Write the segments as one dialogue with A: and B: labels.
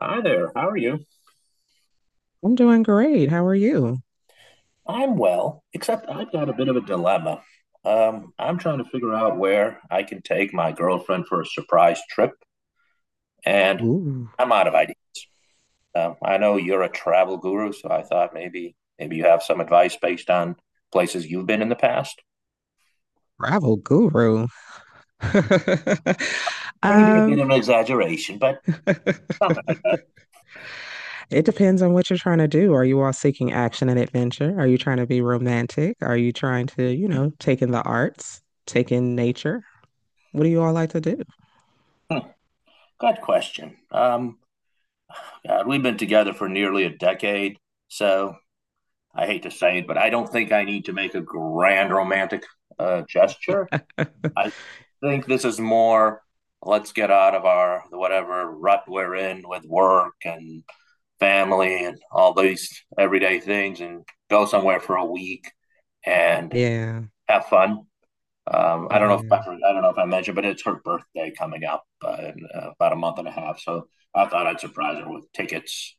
A: Hi there. How are you?
B: I'm doing great. How are you?
A: I'm well, except I've got a bit of a dilemma. I'm trying to figure out where I can take my girlfriend for a surprise trip, and
B: Ooh,
A: I'm out of ideas. I know you're a travel guru, so I thought maybe you have some advice based on places you've been in the past.
B: travel guru.
A: Maybe a bit
B: Um,
A: of an exaggeration, but
B: it
A: something like that.
B: depends on what you're trying to do. Are you all seeking action and adventure? Are you trying to be romantic? Are you trying to, you know, take in the arts, take in nature? What do you all like to do?
A: Hmm, good question. God, we've been together for nearly a decade, so I hate to say it, but I don't think I need to make a grand romantic gesture. I think this is more, let's get out of our whatever rut we're in with work and family and all these everyday things, and go somewhere for a week and
B: Yeah,
A: have fun. I don't know if
B: yeah,
A: I don't know if I mentioned, but it's her birthday coming up in about a month and a half. So I thought I'd surprise her with tickets.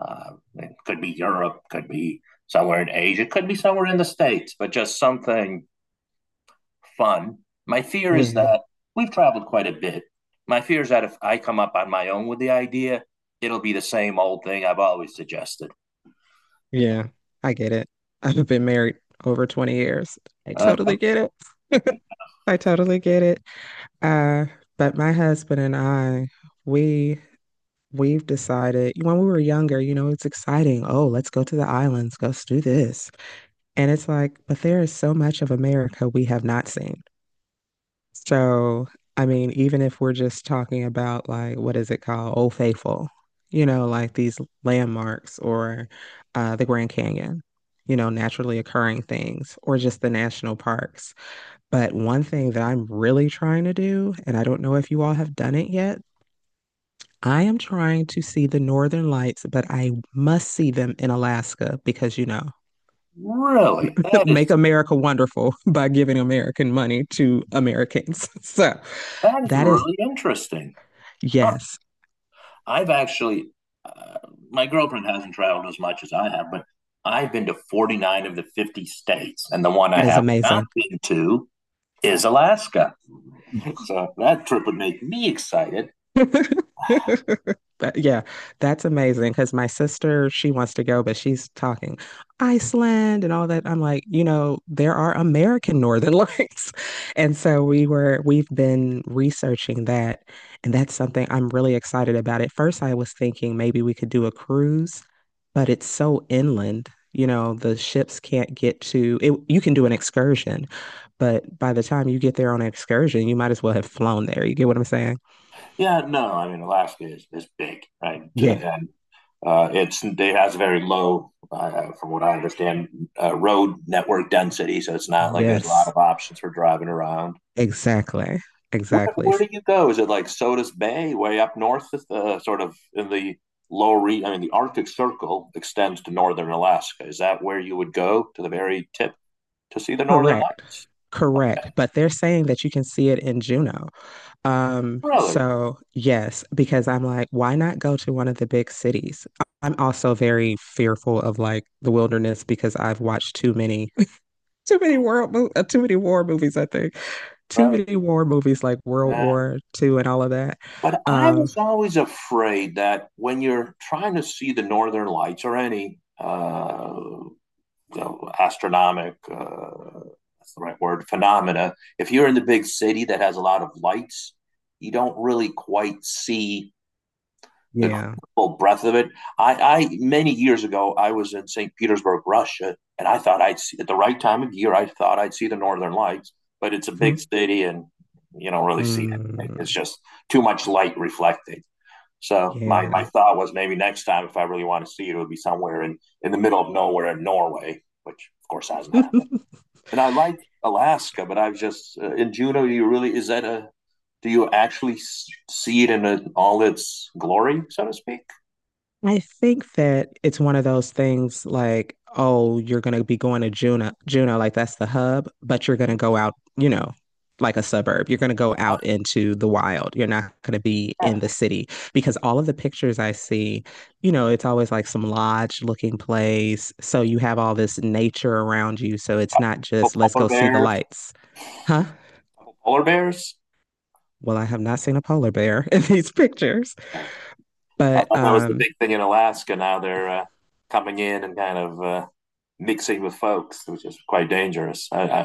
A: It could be Europe, could be somewhere in Asia, could be somewhere in the States, but just something fun. My fear is
B: yeah,
A: that we've traveled quite a bit. My fear is that if I come up on my own with the idea, it'll be the same old thing I've always suggested.
B: yeah. I get it. I've been married over 20 years. I
A: Uh,
B: totally get it. I totally get it. Uh, but my husband and I, we we've decided when we were younger, you know, it's exciting. Oh, let's go to the islands, let's do this. And it's like, but there is so much of America we have not seen. So, I mean, even if we're just talking about like what is it called? Old Faithful, you know, like these landmarks or the Grand Canyon, you know, naturally occurring things or just the national parks. But one thing that I'm really trying to do, and I don't know if you all have done it yet, I am trying to see the Northern Lights, but I must see them in Alaska because, you know,
A: really, that
B: make
A: is
B: America wonderful by giving American money to Americans. So
A: that is
B: that is.
A: really interesting. Huh.
B: Yes,
A: I've actually, uh, my girlfriend hasn't traveled as much as I have, but I've been to 49 of the 50 states, and the one I
B: that is
A: have not
B: amazing.
A: been to is Alaska. So that trip would make me excited.
B: But yeah, that's amazing because my sister, she wants to go, but she's talking Iceland and all that. I'm like, you know, there are American Northern Lights. And so we've been researching that. And that's something I'm really excited about. At first, I was thinking maybe we could do a cruise, but it's so inland. You know, the ships can't get to it. You can do an excursion, but by the time you get there on an excursion, you might as well have flown there. You get what I'm saying?
A: Yeah, no, I mean Alaska is big, right? Uh,
B: Yeah.
A: and it has very low, from what I understand, road network density, so it's not like there's a lot
B: Yes,
A: of options for driving around.
B: exactly.
A: Where,
B: Exactly.
A: where do you go? Is it like Sodus Bay, way up north, sort of in the I mean, the Arctic Circle extends to northern Alaska. Is that where you would go to the very tip to see the Northern
B: Correct.
A: Lights?
B: Correct. But they're saying that you can see it in Juneau. Um,
A: Really?
B: so yes, because I'm like, why not go to one of the big cities? I'm also very fearful of like the wilderness because I've watched too many war movies, I think. Too
A: Right.
B: many war movies like World
A: Yeah.
B: War Two and all of that.
A: But I
B: Um,
A: was always afraid that when you're trying to see the Northern Lights, or any astronomic, that's the right word, phenomena, if you're in the big city that has a lot of lights, you don't really quite see the
B: yeah.
A: full breadth of it. I many years ago, I was in St. Petersburg, Russia, and I thought I'd see at the right time of year I thought I'd see the Northern Lights. But it's a
B: Hmm.
A: big city, and you don't really see it. It's
B: Mm,
A: just too much light reflecting. So my
B: yeah.
A: my thought was, maybe next time, if I really want to see it, it would be somewhere in the middle of nowhere in Norway, which, of course, hasn't happened. And I like Alaska, but I've just in Juneau. You really is that a do you actually see it in all its glory, so to speak?
B: I think that it's one of those things like, oh, you're going to be going to Juneau, Juneau, like that's the hub, but you're going to go out, you know, like a suburb. You're going to go out into the wild. You're not going to be
A: Yeah.
B: in the city because all of the pictures I see, you know, it's always like some lodge looking place. So you have all this nature around you. So it's not just, let's
A: Polar
B: go see the
A: bears,
B: lights, huh?
A: polar bears.
B: Well, I have not seen a polar bear in these pictures,
A: I
B: but,
A: thought that was the
B: um,
A: big thing in Alaska. Now they're coming in and kind of mixing with folks, which is quite dangerous.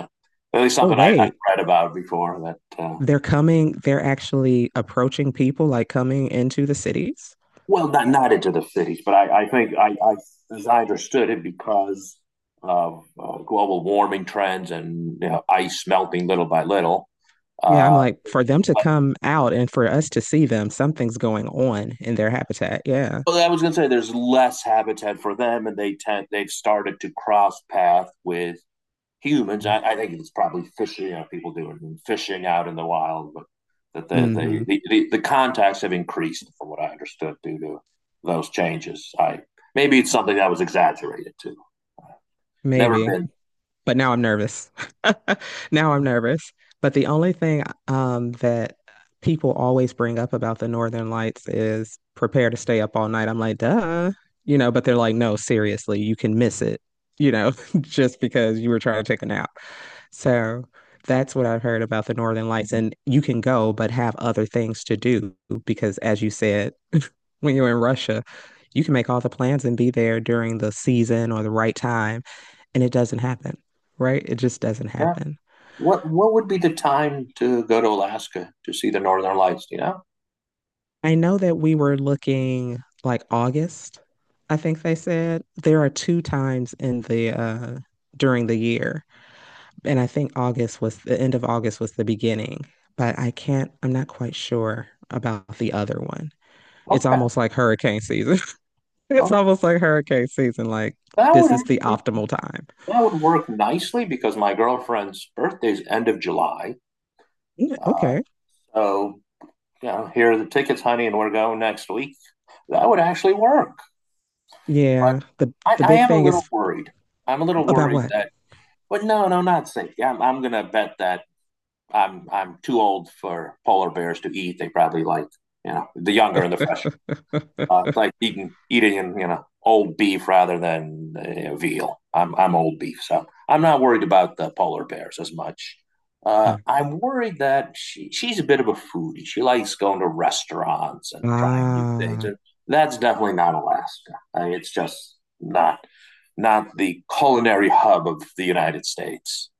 A: At least
B: oh,
A: something I
B: wait.
A: read about before that
B: They're coming, they're actually approaching people, like coming into the cities.
A: Well, not into the cities, but I think, I as I understood it, because of global warming trends, and ice melting little by little.
B: Yeah, I'm
A: Uh,
B: like, for them to come out and for us to see them, something's going on in their habitat. Yeah.
A: well, I was going to say there's less habitat for them, and they've started to cross path with humans. I think it's probably fishing. You know, people doing fishing out in the wild, but that
B: Hmm.
A: the contacts have increased, from what I understood, due to those changes. I maybe it's something that was exaggerated too. Never
B: Maybe.
A: been.
B: But now I'm nervous. Now I'm nervous. But the only thing that people always bring up about the Northern Lights is prepare to stay up all night. I'm like, duh. You know, but they're like, no, seriously, you can miss it, you know, just because you were trying to take a nap. So that's what I've heard about the Northern Lights. And you can go, but have other things to do because, as you said, when you're in Russia, you can make all the plans and be there during the season or the right time, and it doesn't happen, right? It just doesn't
A: Yeah.
B: happen.
A: What would be the time to go to Alaska to see the Northern Lights? You know?
B: I know that we were looking like August, I think they said. There are two times in the during the year, and I think August was the end of August was the beginning, but I'm not quite sure about the other one. It's
A: Okay.
B: almost like hurricane season. It's
A: Okay.
B: almost like hurricane season. Like
A: That
B: this
A: would
B: is the
A: actually-
B: optimal time.
A: that would work nicely because my girlfriend's birthday's end of July.
B: Yeah,
A: Uh,
B: okay.
A: so, you know, here are the tickets, honey, and we're going next week. That would actually work. But
B: Yeah. The the
A: I
B: big
A: am a
B: thing
A: little
B: is
A: worried. I'm a little
B: about
A: worried
B: what?
A: that. But no, no, not safe. Yeah, I'm gonna bet that I'm too old for polar bears to eat. They probably like, you know, the younger and the fresher. It's like
B: Okay.
A: eating, old beef rather than veal. I'm old beef, so I'm not worried about the polar bears as much. I'm worried that she's a bit of a foodie. She likes going to restaurants and trying new things,
B: Ah,
A: and that's definitely not Alaska. I mean, it's just not the culinary hub of the United States.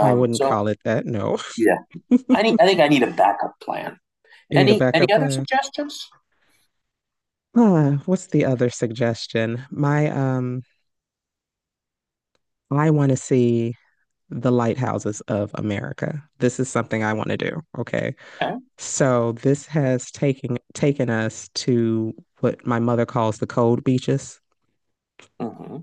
B: I wouldn't
A: so
B: call it that. No.
A: yeah,
B: you
A: I need, I need a backup plan.
B: need a
A: Any
B: backup
A: other
B: plan.
A: suggestions?
B: Ah, what's the other suggestion? My I want to see the lighthouses of America. This is something I want to do. Okay.
A: Okay.
B: So this has taken us to what my mother calls the cold beaches.
A: Mm-hmm.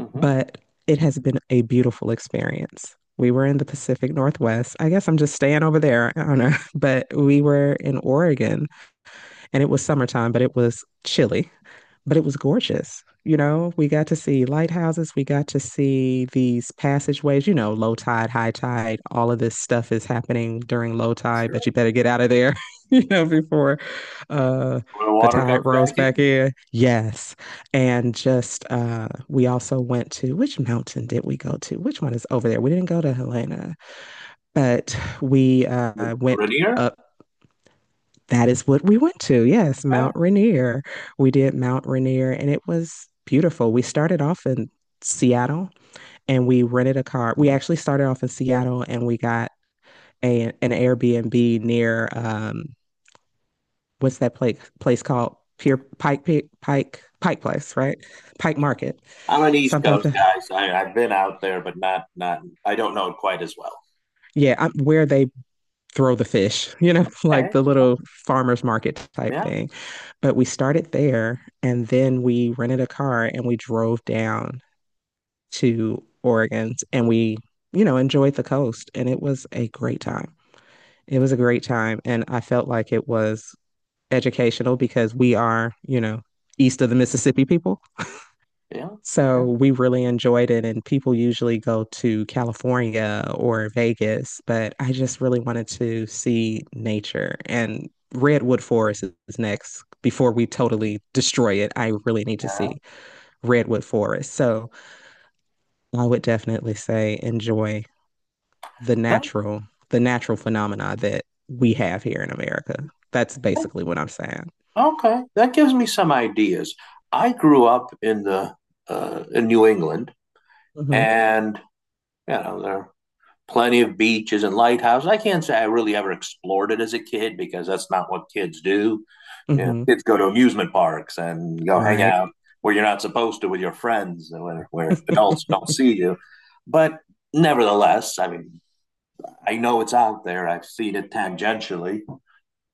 A: Mm-hmm.
B: But it has been a beautiful experience. We were in the Pacific Northwest. I guess I'm just staying over there. I don't know. But we were in Oregon and it was summertime, but it was chilly but it was gorgeous. You know, we got to see lighthouses, we got to see these passageways, you know, low tide, high tide, all of this stuff is happening during low tide, but
A: Sure.
B: you better get out of there, you know, before uh
A: When the
B: the
A: water
B: tide
A: comes back
B: rolls back
A: in.
B: in. Yes. And just we also went to which mountain did we go to? Which one is over there? We didn't go to Helena, but we
A: The
B: went
A: Rainier.
B: up that is what we went to. Yes,
A: Eh,
B: Mount Rainier. We did Mount Rainier and it was beautiful. We started off in Seattle and we rented a car. We actually started off in Seattle and we got a, an Airbnb near what's that place called Pier Pike Pike Pike Pike Place, right? Pike
A: sure.
B: Market.
A: I'm an East
B: Something like
A: Coast
B: that.
A: guy, so I've been out there, but not. I don't know it quite as well.
B: Yeah, I where they throw the fish, you know, like
A: Okay.
B: the little farmers market type
A: Yeah.
B: thing. But we started there and then we rented a car and we drove down to Oregon and we, you know, enjoyed the coast and it was a great time. It was a great time and I felt like it was educational because we are, you know, east of the Mississippi people.
A: Yeah. Yeah.
B: So we really enjoyed it and people usually go to California or Vegas, but I just really wanted to see nature and Redwood Forest is next before we totally destroy it. I really need to
A: Yeah.
B: see Redwood Forest. So I would definitely say enjoy the
A: No,
B: natural the natural phenomena that we have here in America. That's
A: eh,
B: basically what I'm saying.
A: okay. That gives me some ideas. I grew up in the in New England,
B: Hmm.
A: and you know there are plenty of beaches and lighthouses. I can't say I really ever explored it as a kid, because that's not what kids do. Yeah,
B: Hmm.
A: kids go to amusement parks and go hang
B: Right.
A: out where you're not supposed to with your friends, and where adults don't see you. But nevertheless, I mean, I know it's out there. I've seen it tangentially.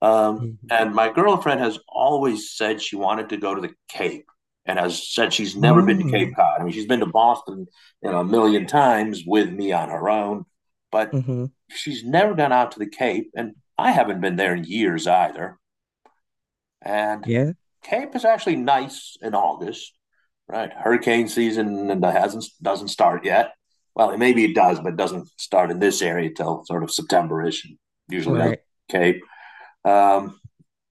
A: Um,
B: Hmm.
A: and my girlfriend has always said she wanted to go to the Cape, and has said she's never been to Cape
B: Oh.
A: Cod. I mean, she's been to Boston, a million times with me on her own, but
B: Hmm.
A: she's never gone out to the Cape. And I haven't been there in years either. And
B: Yeah.
A: camp is actually nice in August, right? Hurricane season, and hasn't doesn't start yet. Well, maybe it does, but it doesn't start in this area till sort of September-ish. It usually does
B: Right.
A: Cape. Um,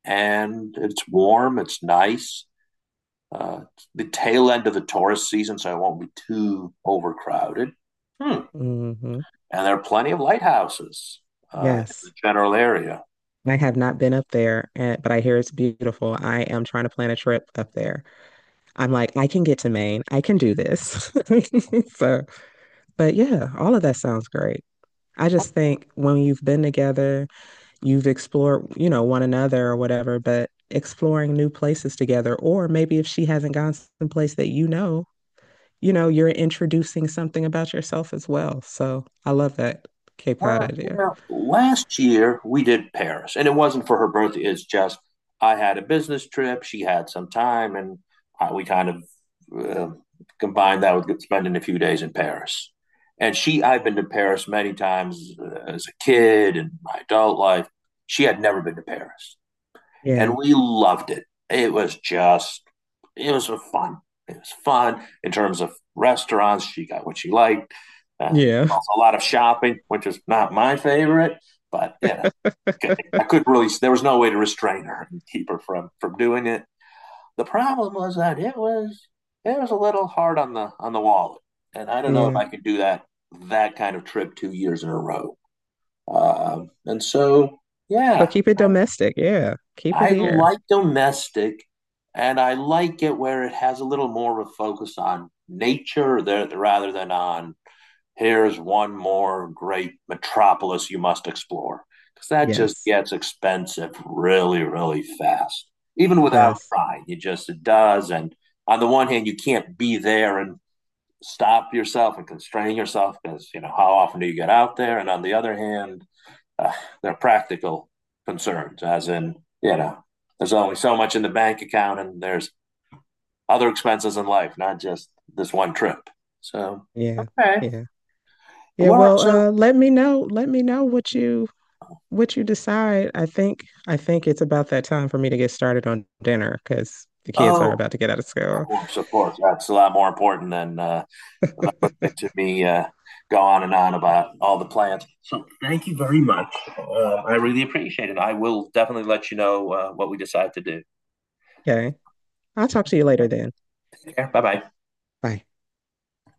A: and it's warm. It's nice. It's the tail end of the tourist season, so it won't be too overcrowded. Hmm.
B: Hmm.
A: And there are plenty of lighthouses in the
B: Yes.
A: general area.
B: I have not been up there, and, but I hear it's beautiful. I am trying to plan a trip up there. I'm like, I can get to Maine. I can do this. So, but yeah, all of that sounds great. I just think when you've been together you've explored, you know, one another or whatever, but exploring new places together. Or maybe if she hasn't gone someplace that you know, you're introducing something about yourself as well. So I love that Cape Cod
A: Well, you
B: idea.
A: know, last year we did Paris, and it wasn't for her birthday. It's just, I had a business trip, she had some time, and we kind of uh, combined that with spending a few days in Paris. And I've been to Paris many times as a kid and my adult life. She had never been to Paris,
B: Yeah.
A: and we loved it. It was just, it was fun. It was fun in terms of restaurants. She got what she liked. Uh,
B: Yeah.
A: also, a lot of shopping, which is not my favorite, but okay. I couldn't really. There was no way to restrain her and keep her from doing it. The problem was that it was a little hard on the wallet, and I don't know if
B: Yeah.
A: I could do that kind of trip 2 years in a row. And so,
B: So
A: yeah,
B: keep it domestic. Yeah. Keep it
A: I
B: here.
A: like domestic, and I like it where it has a little more of a focus on nature there, rather than on, here's one more great metropolis you must explore. Because that just
B: Yes,
A: gets expensive really, really fast, even
B: it
A: without
B: does.
A: trying. It does. And on the one hand, you can't be there and stop yourself and constrain yourself because, you know, how often do you get out there? And on the other hand, uh, they're practical concerns, as in, you know, there's only so much in the bank account, and there's other expenses in life, not just this one trip. So,
B: Yeah.
A: okay.
B: Yeah. Yeah.
A: Well,
B: Well,
A: so,
B: let me know. Let me know what you decide, I think it's about that time for me to get started on dinner because the kids are
A: oh,
B: about to get out of
A: of
B: school.
A: course, of course. That's a lot more important than listening to me go on and on about all the plans. So, thank you very much. I really appreciate it. I will definitely let you know what we decide to do.
B: Okay. I'll talk to you later then.
A: Okay. Bye bye.
B: Bye.